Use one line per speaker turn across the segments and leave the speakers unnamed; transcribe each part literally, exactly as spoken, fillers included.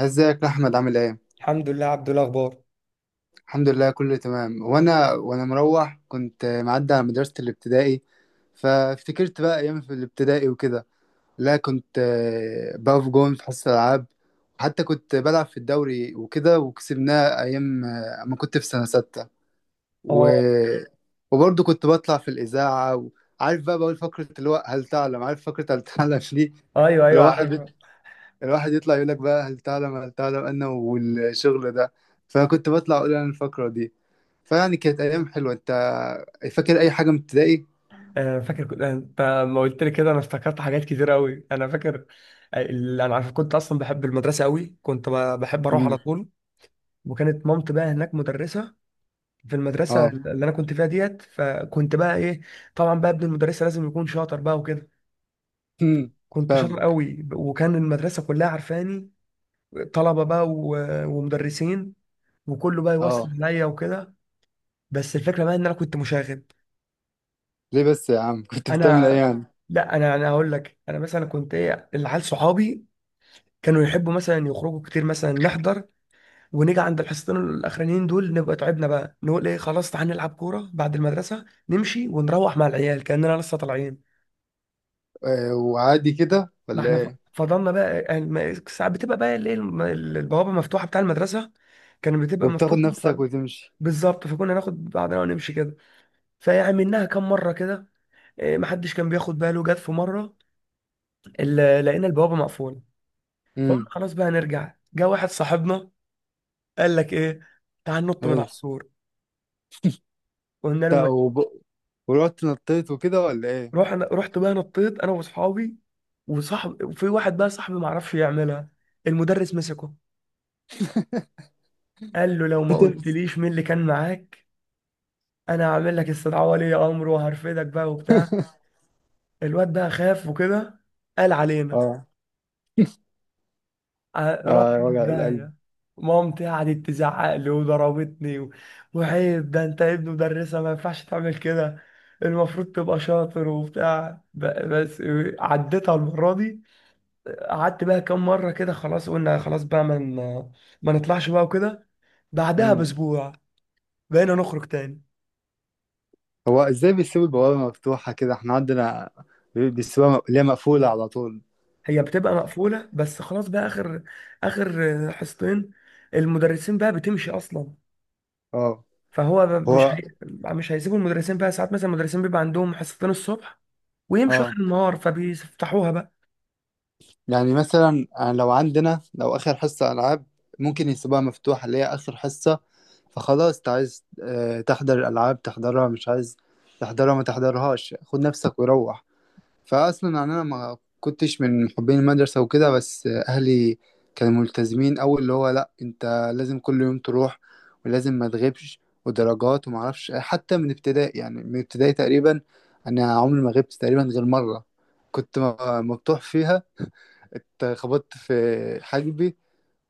ازيك يا احمد، عامل ايه؟
الحمد لله عبد الاخبار.
الحمد لله، كله تمام. وانا وانا مروح كنت معدي على مدرسة الابتدائي، فافتكرت بقى ايام في الابتدائي وكده. لا، كنت آه، بقف جون في حصة العاب. وحتى كنت بلعب في الدوري وكده، وكسبناه ايام آه، ما كنت في سنة ستة. و...
اه.
وبرضه كنت بطلع في الإذاعة، وعارف بقى، بقول فقرة اللي هو هل تعلم. عارف فقرة هل تعلم دي؟
ايوه ايوه، عارف.
الواحد الواحد يطلع يقول لك بقى هل تعلم، هل تعلم أنا والشغل ده. فكنت بطلع أقول أنا الفقرة دي. فيعني كانت أيام حلوة. أنت فاكر أي حاجة من ابتدائي؟
آه، فاكر. كنت انت لما قلت لي كده انا افتكرت حاجات كتير قوي، انا فاكر. آه، ال- انا عارف كنت اصلا بحب المدرسه قوي، كنت ب- بحب اروح على
امم.
طول. وكانت مامتي بقى هناك مدرسه في المدرسه
أه.
اللي انا كنت فيها ديت، فكنت بقى ايه، طبعا بقى ابن المدرسه لازم يكون شاطر بقى وكده.
أمم.
كنت شاطر
فاهمك.
قوي، وكان المدرسه كلها عارفاني، طلبه بقى و- ومدرسين، وكله بقى يوصل
أه.
عليا وكده. بس الفكره بقى ان انا كنت مشاغب.
ليه بس يا عم؟ كنت بتعمل إيه
انا
يعني؟
لا انا انا هقول لك، انا مثلا كنت ايه، العيال صحابي كانوا يحبوا مثلا يخرجوا كتير، مثلا نحضر ونيجي عند الحصتين الاخرانيين دول نبقى تعبنا بقى، نقول ايه خلاص تعالى نلعب كوره بعد المدرسه، نمشي ونروح مع العيال كاننا لسه طالعين.
آه، وعادي كده
ما
ولا
احنا ف-
إيه؟
فضلنا بقى يعني، ما- ساعات بتبقى بقى الايه الم- البوابه مفتوحه بتاع المدرسه، كانت بتبقى
وبتاخد
مفتوحه ف...
نفسك وتمشي.
بالظبط. فكنا ناخد بعضنا ونمشي كده، فعملناها كام مره كده. إيه، محدش كان بياخد باله. جت في مره، ال- لقينا البوابه مقفوله، فقلنا
امم.
خلاص بقى نرجع. جه واحد صاحبنا قال لك ايه، تعال ننط من على
إيه.
السور. قلنا له
تا-
ماشي.
وب... ورحت نطيت وكده ولا إيه؟
رحنا، رحت بقى نطيت انا واصحابي، وصاحب وفي واحد بقى صاحبي ما عرفش يعملها، المدرس مسكه، قال له لو ما قلتليش مين اللي كان معاك انا هعمل لك استدعاء ولي امر وهرفدك بقى وبتاع. الواد بقى خاف وكده، قال علينا.
اه،
ع- رحت
اه.
في
وجع القلب.
داهية. مامتي قعدت تزعق لي وضربتني، و... وعيب ده انت ابن مدرسة، ما ينفعش تعمل كده، المفروض تبقى شاطر وبتاع ب... بس عديتها المرة دي. قعدت بقى كام مرة كده، خلاص قلنا خلاص بقى ما من... ما نطلعش بقى وكده. بعدها بأسبوع بقينا نخرج تاني.
هو ازاي بيسيبوا البوابة مفتوحة كده؟ احنا عندنا بيسيبوها، م- اللي هي مقفولة على طول.
هي بتبقى مقفولة بس خلاص بقى، آخر آخر حصتين المدرسين بقى بتمشي أصلا،
اه.
فهو ب-
هو،
مش هي- مش هيسيبوا المدرسين بقى. ساعات مثلا المدرسين بيبقى عندهم حصتين الصبح ويمشوا
اه،
اخر النهار، فبيفتحوها بقى.
يعني مثلا آه، لو عندنا لو اخر حصة العاب، ممكن يسيبوها مفتوحة اللي هي اخر حصة. فخلاص انت عايز آه، تحضر الالعاب تحضرها، مش عايز تحضرها ما تحضرهاش، خد نفسك وروح. فاصلا يعني، انا ما كنتش من محبين المدرسه وكده، بس اهلي كانوا ملتزمين أوي، اللي هو لا انت لازم كل يوم تروح، ولازم ما تغيبش، ودرجات وما اعرفش إيه. حتى من ابتدائي، يعني من ابتدائي تقريبا انا عمري ما غبت تقريبا غير مره. كنت م- مبطوح فيها، اتخبطت في حاجبي،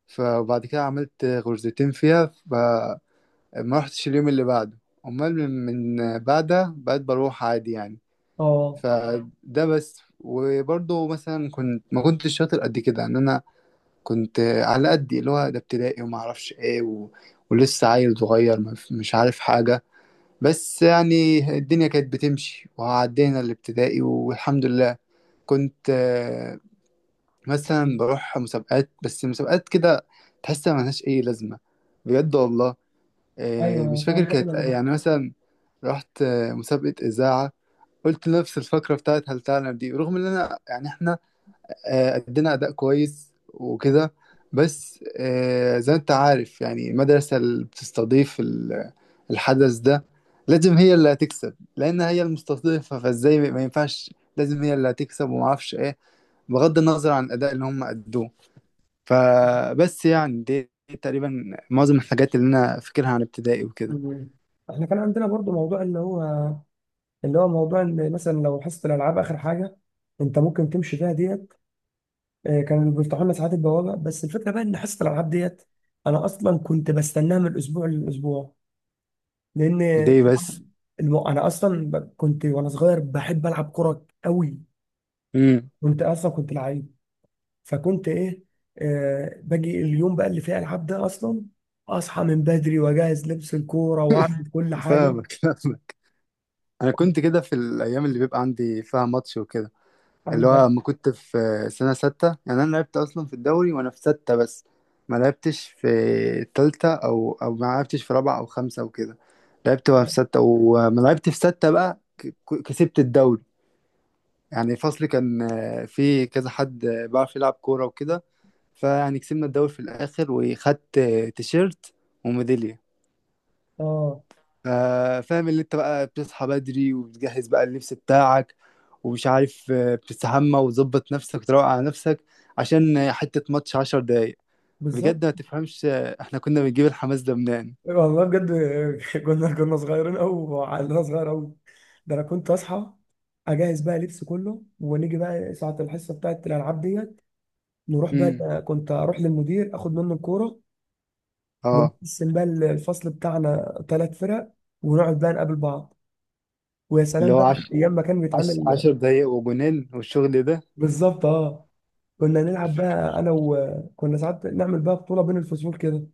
فبعد كده عملت غرزتين فيها، فما رحتش اليوم اللي بعده. امال من من بعدها بقيت بروح عادي يعني.
اه.
فده بس. وبرضه مثلا كنت، ما كنتش شاطر قد كده، ان انا كنت على قدي، اللي هو ده ابتدائي وما اعرفش ايه و... ولسه عيل صغير، ما ف- مش عارف حاجة. بس يعني الدنيا كانت بتمشي، وعدينا الابتدائي والحمد لله. كنت آه، مثلا بروح مسابقات، بس مسابقات كده، تحس ملهاش اي لازمة، بجد والله. آه،
ايوه،
مش
كان
فاكر
عندنا كده
كانت
برضه.
يعني مثلا. رحت آه، مسابقة إذاعة، قلت نفس الفكرة بتاعت هل تعلم دي، رغم ان انا يعني احنا آه، ادينا اداء كويس وكده. بس آه، زي ما انت عارف يعني، المدرسة اللي بتستضيف ال- الحدث ده لازم هي اللي هتكسب، لان هي المستضيفة، فازاي ما ينفعش، لازم هي اللي هتكسب وما اعرفش ايه، بغض النظر عن الاداء اللي هم ادوه. فبس يعني دي تقريبا معظم الحاجات اللي انا فاكرها عن ابتدائي وكده.
مم. احنا كان عندنا برضه موضوع اللي هو، اللي هو موضوع ان مثلا لو حصه الالعاب اخر حاجه، انت ممكن تمشي فيها ديت. آه، كانوا بيفتحوا لنا ساعات البوابه، بس الفكره بقى ان حصه الالعاب ديت انا اصلا كنت بستناها من الاسبوع للاسبوع، لان
دي بس.
الم- انا اصلا ب- كنت وانا صغير بحب العب كوره قوي.
امم.
كنت اصلا كنت لعيب. فكنت ايه، آه باجي اليوم بقى اللي فيه العاب ده، اصلا اصحى من بدري واجهز لبس الكوره واعمل كل حاجه.
فاهمك. انا كنت كده في الايام اللي بيبقى عندي فيها ماتش وكده، اللي
عندك.
هو لما كنت في سنه سته. يعني انا لعبت اصلا في الدوري وانا في سته بس، ما لعبتش في تالته، او او ما لعبتش في رابعه او خمسه وكده. لعبت وانا في سته، وما لعبت في سته بقى ك- ك- كسبت الدوري. يعني فصلي كان آه، في كذا حد آه، بيعرف يلعب كوره وكده. فيعني كسبنا الدوري في الاخر، وخدت آه، تيشيرت وميدالية.
اه،
آه، فاهم اللي انت بقى بتصحى بدري، وبتجهز بقى اللبس بتاعك، ومش عارف آه، بتستحمى وتظبط نفسك وتروق على نفسك، عشان آه، حتة ماتش عشر دقايق.
بالظبط.
بجد ما تفهمش، آه، احنا كنا بنجيب الحماس ده منين.
والله بجد. كنا كنا صغيرين قوي، وعقلنا صغير قوي. ده انا كنت اصحى، اجهز بقى لبس كله، ونيجي بقى ساعه الحصه بتاعت الالعاب ديت، نروح
امم.
بقى. كنت اروح للمدير اخد منه الكوره،
اه.
ونقسم بقى الفصل بتاعنا ثلاث فرق، ونقعد بقى نقابل بعض. ويا
اللي
سلام
هو
بقى،
عش...
ايام ما كان
عش...
بيتعمل.
عشر دقايق وجنان والشغل
بالظبط، اه. كنا نلعب بقى انا، وكنا ساعات نعمل بقى بطوله بين الفصول كده.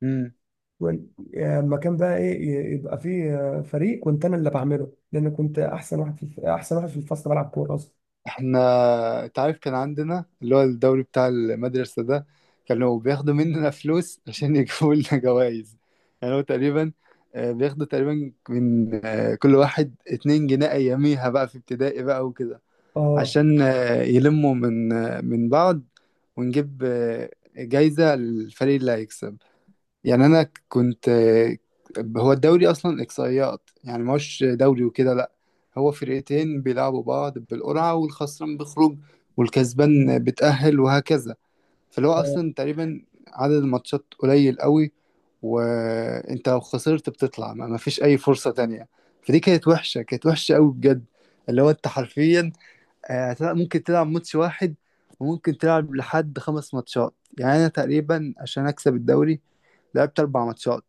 ده.
ون- يعني لما كان بقى ايه ي- يبقى فيه آه، فريق، كنت انا اللي بعمله، لان كنت احسن واحد في الف... احسن واحد في الفصل بلعب كوره اصلا.
احنا انت عارف كان عندنا اللي هو الدوري بتاع المدرسة ده، كانوا بياخدوا مننا فلوس عشان يجيبوا لنا جوائز. يعني هو تقريبا آه، بياخدوا تقريبا من آه، كل واحد اتنين جنيه أياميها بقى في ابتدائي بقى وكده،
اه.
عشان آه، يلموا من آه، من بعض، ونجيب آه، جايزة للفريق اللي هيكسب. يعني انا كنت، هو الدوري اصلا اقصائيات، يعني مش دوري وكده، لا، هو فرقتين بيلعبوا بعض بالقرعه، والخسران بيخرج والكسبان بتأهل وهكذا. فاللي هو
اه.
اصلا تقريبا عدد الماتشات قليل قوي، وانت لو خسرت بتطلع ما ما فيش اي فرصه تانية. فدي كانت وحشه، كانت وحشه قوي بجد. اللي هو انت حرفيا آه، تلعب- ممكن تلعب ماتش واحد، وممكن تلعب لحد خمس ماتشات. يعني أنا تقريبا عشان أكسب الدوري لعبت أربع ماتشات.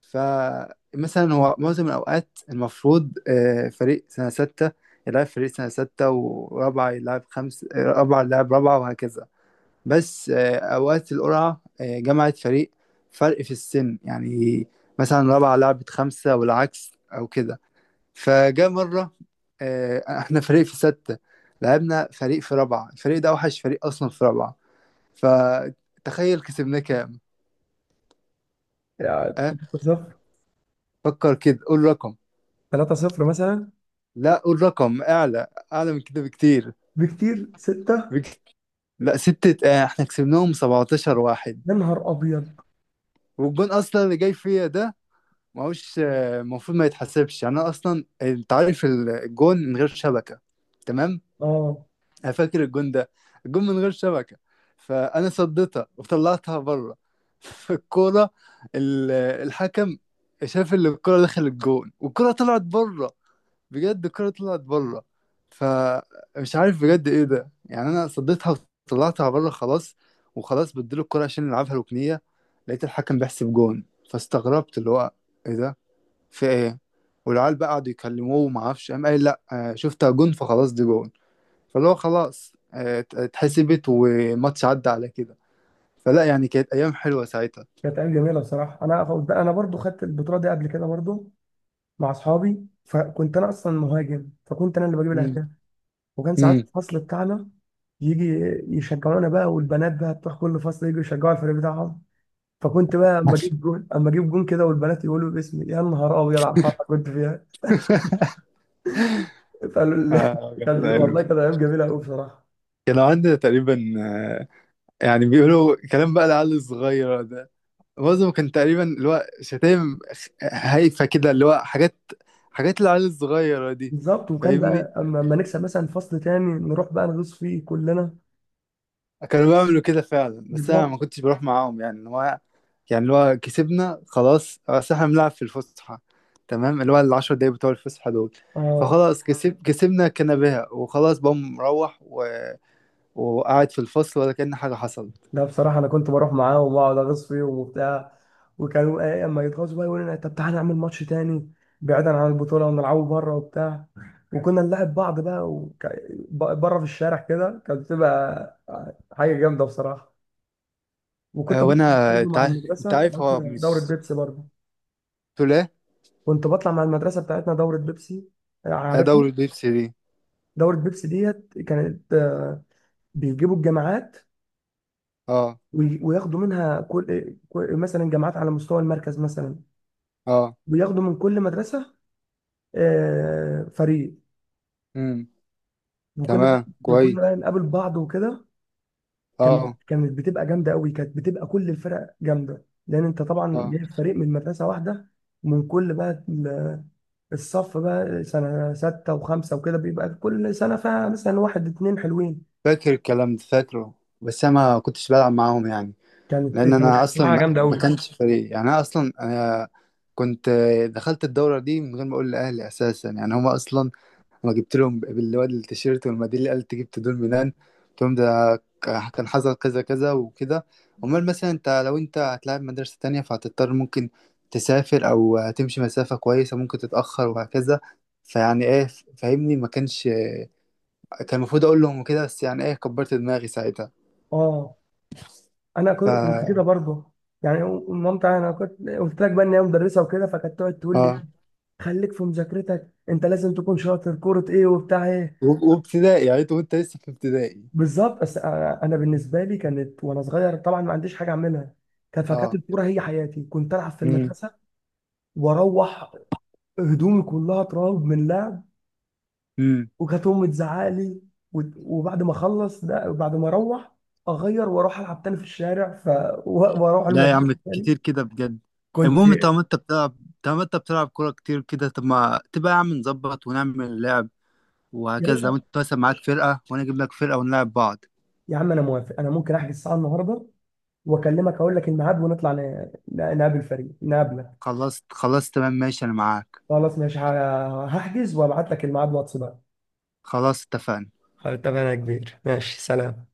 فمثلا هو معظم الأوقات المفروض آه، فريق سنة ستة يلعب فريق سنة ستة، ورابعة يلعب خمس آه، رابعة يلعب رابعة وهكذا. بس آه، أوقات القرعة آه، جمعت فريق فرق في السن يعني، مثلا رابعة لعبت خمسة والعكس أو كده. فجاء مرة آه، احنا فريق في ستة لعبنا فريق في رابعة، الفريق ده أوحش فريق أصلا في رابعة. فتخيل كسبناه كام؟
يعني
أه؟
ثلاثة صفر.
فكر كده، قول رقم.
ثلاثة صفر مثلا.
لا، قول رقم أعلى، أعلى من كده بكتير.
بكتير، ستة.
بك... لا ستة، آه، احنا كسبناهم سبعة عشر واحد.
يا نهار ابيض.
والجون أصلا اللي جاي فيا ده ما هوش، آه، المفروض ما يتحسبش يعني. أنا أصلا أنت عارف الجون من غير شبكة، تمام؟
اه.
انا فاكر الجون ده، الجون من غير شبكه، فانا صديتها وطلعتها بره. فالكوره ال- الحكم شاف ان الكوره دخلت الجون والكوره طلعت بره. بجد الكوره طلعت بره، فمش عارف بجد ايه ده يعني. انا صديتها وطلعتها بره خلاص، وخلاص بديله الكوره عشان نلعبها ركنيه، لقيت الحكم بيحسب جون. فاستغربت، اللي هو ايه ده؟ في ايه؟ والعيال بقى قعدوا يكلموه وما اعرفش، قام قال لا آه، شفتها جون، فخلاص دي جون. فاللي هو خلاص آه، ات- اتحسبت، وماتش عدى على كده. فلا يعني كانت ايام حلوه ساعتها.
كانت ايام جميله بصراحه. انا فوز- انا برضو خدت البطوله دي قبل كده برضو مع اصحابي، فكنت انا اصلا مهاجم، فكنت انا اللي بجيب
امم.
الاهداف. وكان ساعات
امم.
الفصل بتاعنا يجي يشجعونا بقى، والبنات بقى بتوع كل فصل يجوا يشجعوا الفريق بتاعهم، فكنت بقى اما
ماشي.
اجيب جون اما اجيب جون كده، والبنات يقولوا باسمي. يا نهار ابيض على الفرحه كنت فيها، فقالوا لي.
آه، جميل.
كان،
حلو.
والله كانت ايام جميله قوي بصراحه.
كان عندنا تقريبا آه، يعني بيقولوا كلام بقى العيال الصغيره ده، معظم كان تقريبا اللي هو شتايم خ- هايفه كده، اللي هو حاجات، حاجات العيال الصغيره دي.
بالظبط. وكان
فاهمني.
بقى اما اما نكسب مثلا فصل تاني نروح بقى نغوص فيه كلنا.
كانوا بيعملوا كده فعلا، بس انا ما
بالظبط،
كنتش بروح معاهم يعني. هو يعني اللي هو كسبنا خلاص، اصل احنا بنلعب في الفسحه، تمام، اللي هو العشر دقايق بتوع الفسحه دول.
اه.
فخلاص كسب كسبنا كنباها، وخلاص بقى مروح و... وقاعد في الفصل ولا كأن حاجه حصلت.
لا بصراحة أنا كنت بروح معاهم وأقعد أغص فيهم وبتاع، وكانوا إيه أما يتغاظوا بقى يقولوا لنا طب تعالى نعمل ماتش تاني بعيدا عن البطولة ونلعبه بره وبتاع. وكنا نلعب بعض بقى وك... بره في الشارع كده، كانت بتبقى حاجة جامدة بصراحة. وكنت
أه.
بطلع
وانا
برضه
انت
مع
عارف
المدرسة
انت عارف هو
بتاعتنا دورة
مش
بيبسي برضه.
تولاه.
كنت بطلع مع المدرسة بتاعتنا دورة بيبسي،
آه،
عارفها.
دوري البيبسي دي.
دورة بيبسي ديت كانت بيجيبوا الجامعات،
اه.
وي- وياخدوا منها كل كل- مثلا جامعات على مستوى المركز مثلا،
اه.
بياخدوا من كل مدرسة آه، فريق.
امم.
وكنا
تمام.
وكنا
كويس.
بقى نقابل بعض وكده. كانت
اه.
كانت بتبقى جامدة قوي، كانت بتبقى كل الفرق جامدة، لأن أنت طبعا
اه.
جايب فريق من مدرسة واحدة، ومن كل بقى ال- الصف بقى سنة ستة وخمسة وكده، بيبقى كل سنة فيها مثلا واحد اتنين حلوين.
فاكر الكلام ده، فاكره. بس انا ما كنتش بلعب معاهم يعني،
كانت
لان
كانت
انا اصلا
حاجة
ما
جامدة
ما
قوي.
كانش فريق، يعني انا اصلا انا كنت دخلت الدوره دي من غير ما اقول لاهلي اساسا، يعني هما اصلا لما جبت لهم بالواد التيشيرت والميداليه اللي قالت جبت دول منين، قلت لهم ده كان حصل كذا كذا وكده. امال مثلا انت لو انت هتلاعب مدرسه تانية، فهتضطر ممكن تسافر او هتمشي مسافه كويسه، ممكن تتاخر وهكذا. فيعني ايه فاهمني، ما كانش كان المفروض اقول لهم كده، بس يعني ايه، كبرت دماغي ساعتها.
اه، أنا كنت كنت كده
ف
برضه يعني. مامتي أنا كنت قلت لك بقى إن هي مدرسة وكده، فكانت تقعد تقول لي
اه
خليك في مذاكرتك، انت لازم تكون شاطر كرة ايه وبتاع ايه.
و- وابتدائي يعني انت، وانت لسه في ابتدائي.
بالظبط. بس انا أنا بالنسبه لي كانت وانا صغير طبعا ما عنديش حاجه اعملها. كان فكانت
اه.
الكوره هي حياتي، كنت العب في
امم.
المدرسه واروح هدومي كلها تراب من لعب،
امم.
وكانت امي تزعق لي. وت- وبعد ما اخلص ده، بعد ما اروح اغير واروح العب تاني في الشارع، ف و- واروح
لا يا
المدرسه
عم،
تاني.
كتير كده بجد.
كنت
المهم
يا
طالما انت بتلعب، طالما انت بتلعب كورة كتير كده، طب ما تبقى يا عم نظبط ونعمل لعب وهكذا،
باشا،
لو انت مثلا معاك فرقة، وانا اجيب لك فرقة ونلعب بعض.
يا عم انا موافق. انا ممكن احجز الساعه النهارده واكلمك اقول لك الميعاد، ونطلع ن- ن- نقابل فريق، نقابلك.
خلاص. خلاص تمام ماشي، انا معاك.
خلاص ماشي، ه- هحجز وابعت لك الميعاد واتس بقى.
خلاص اتفقنا.
خلاص اتفقنا يا كبير، ماشي، سلام.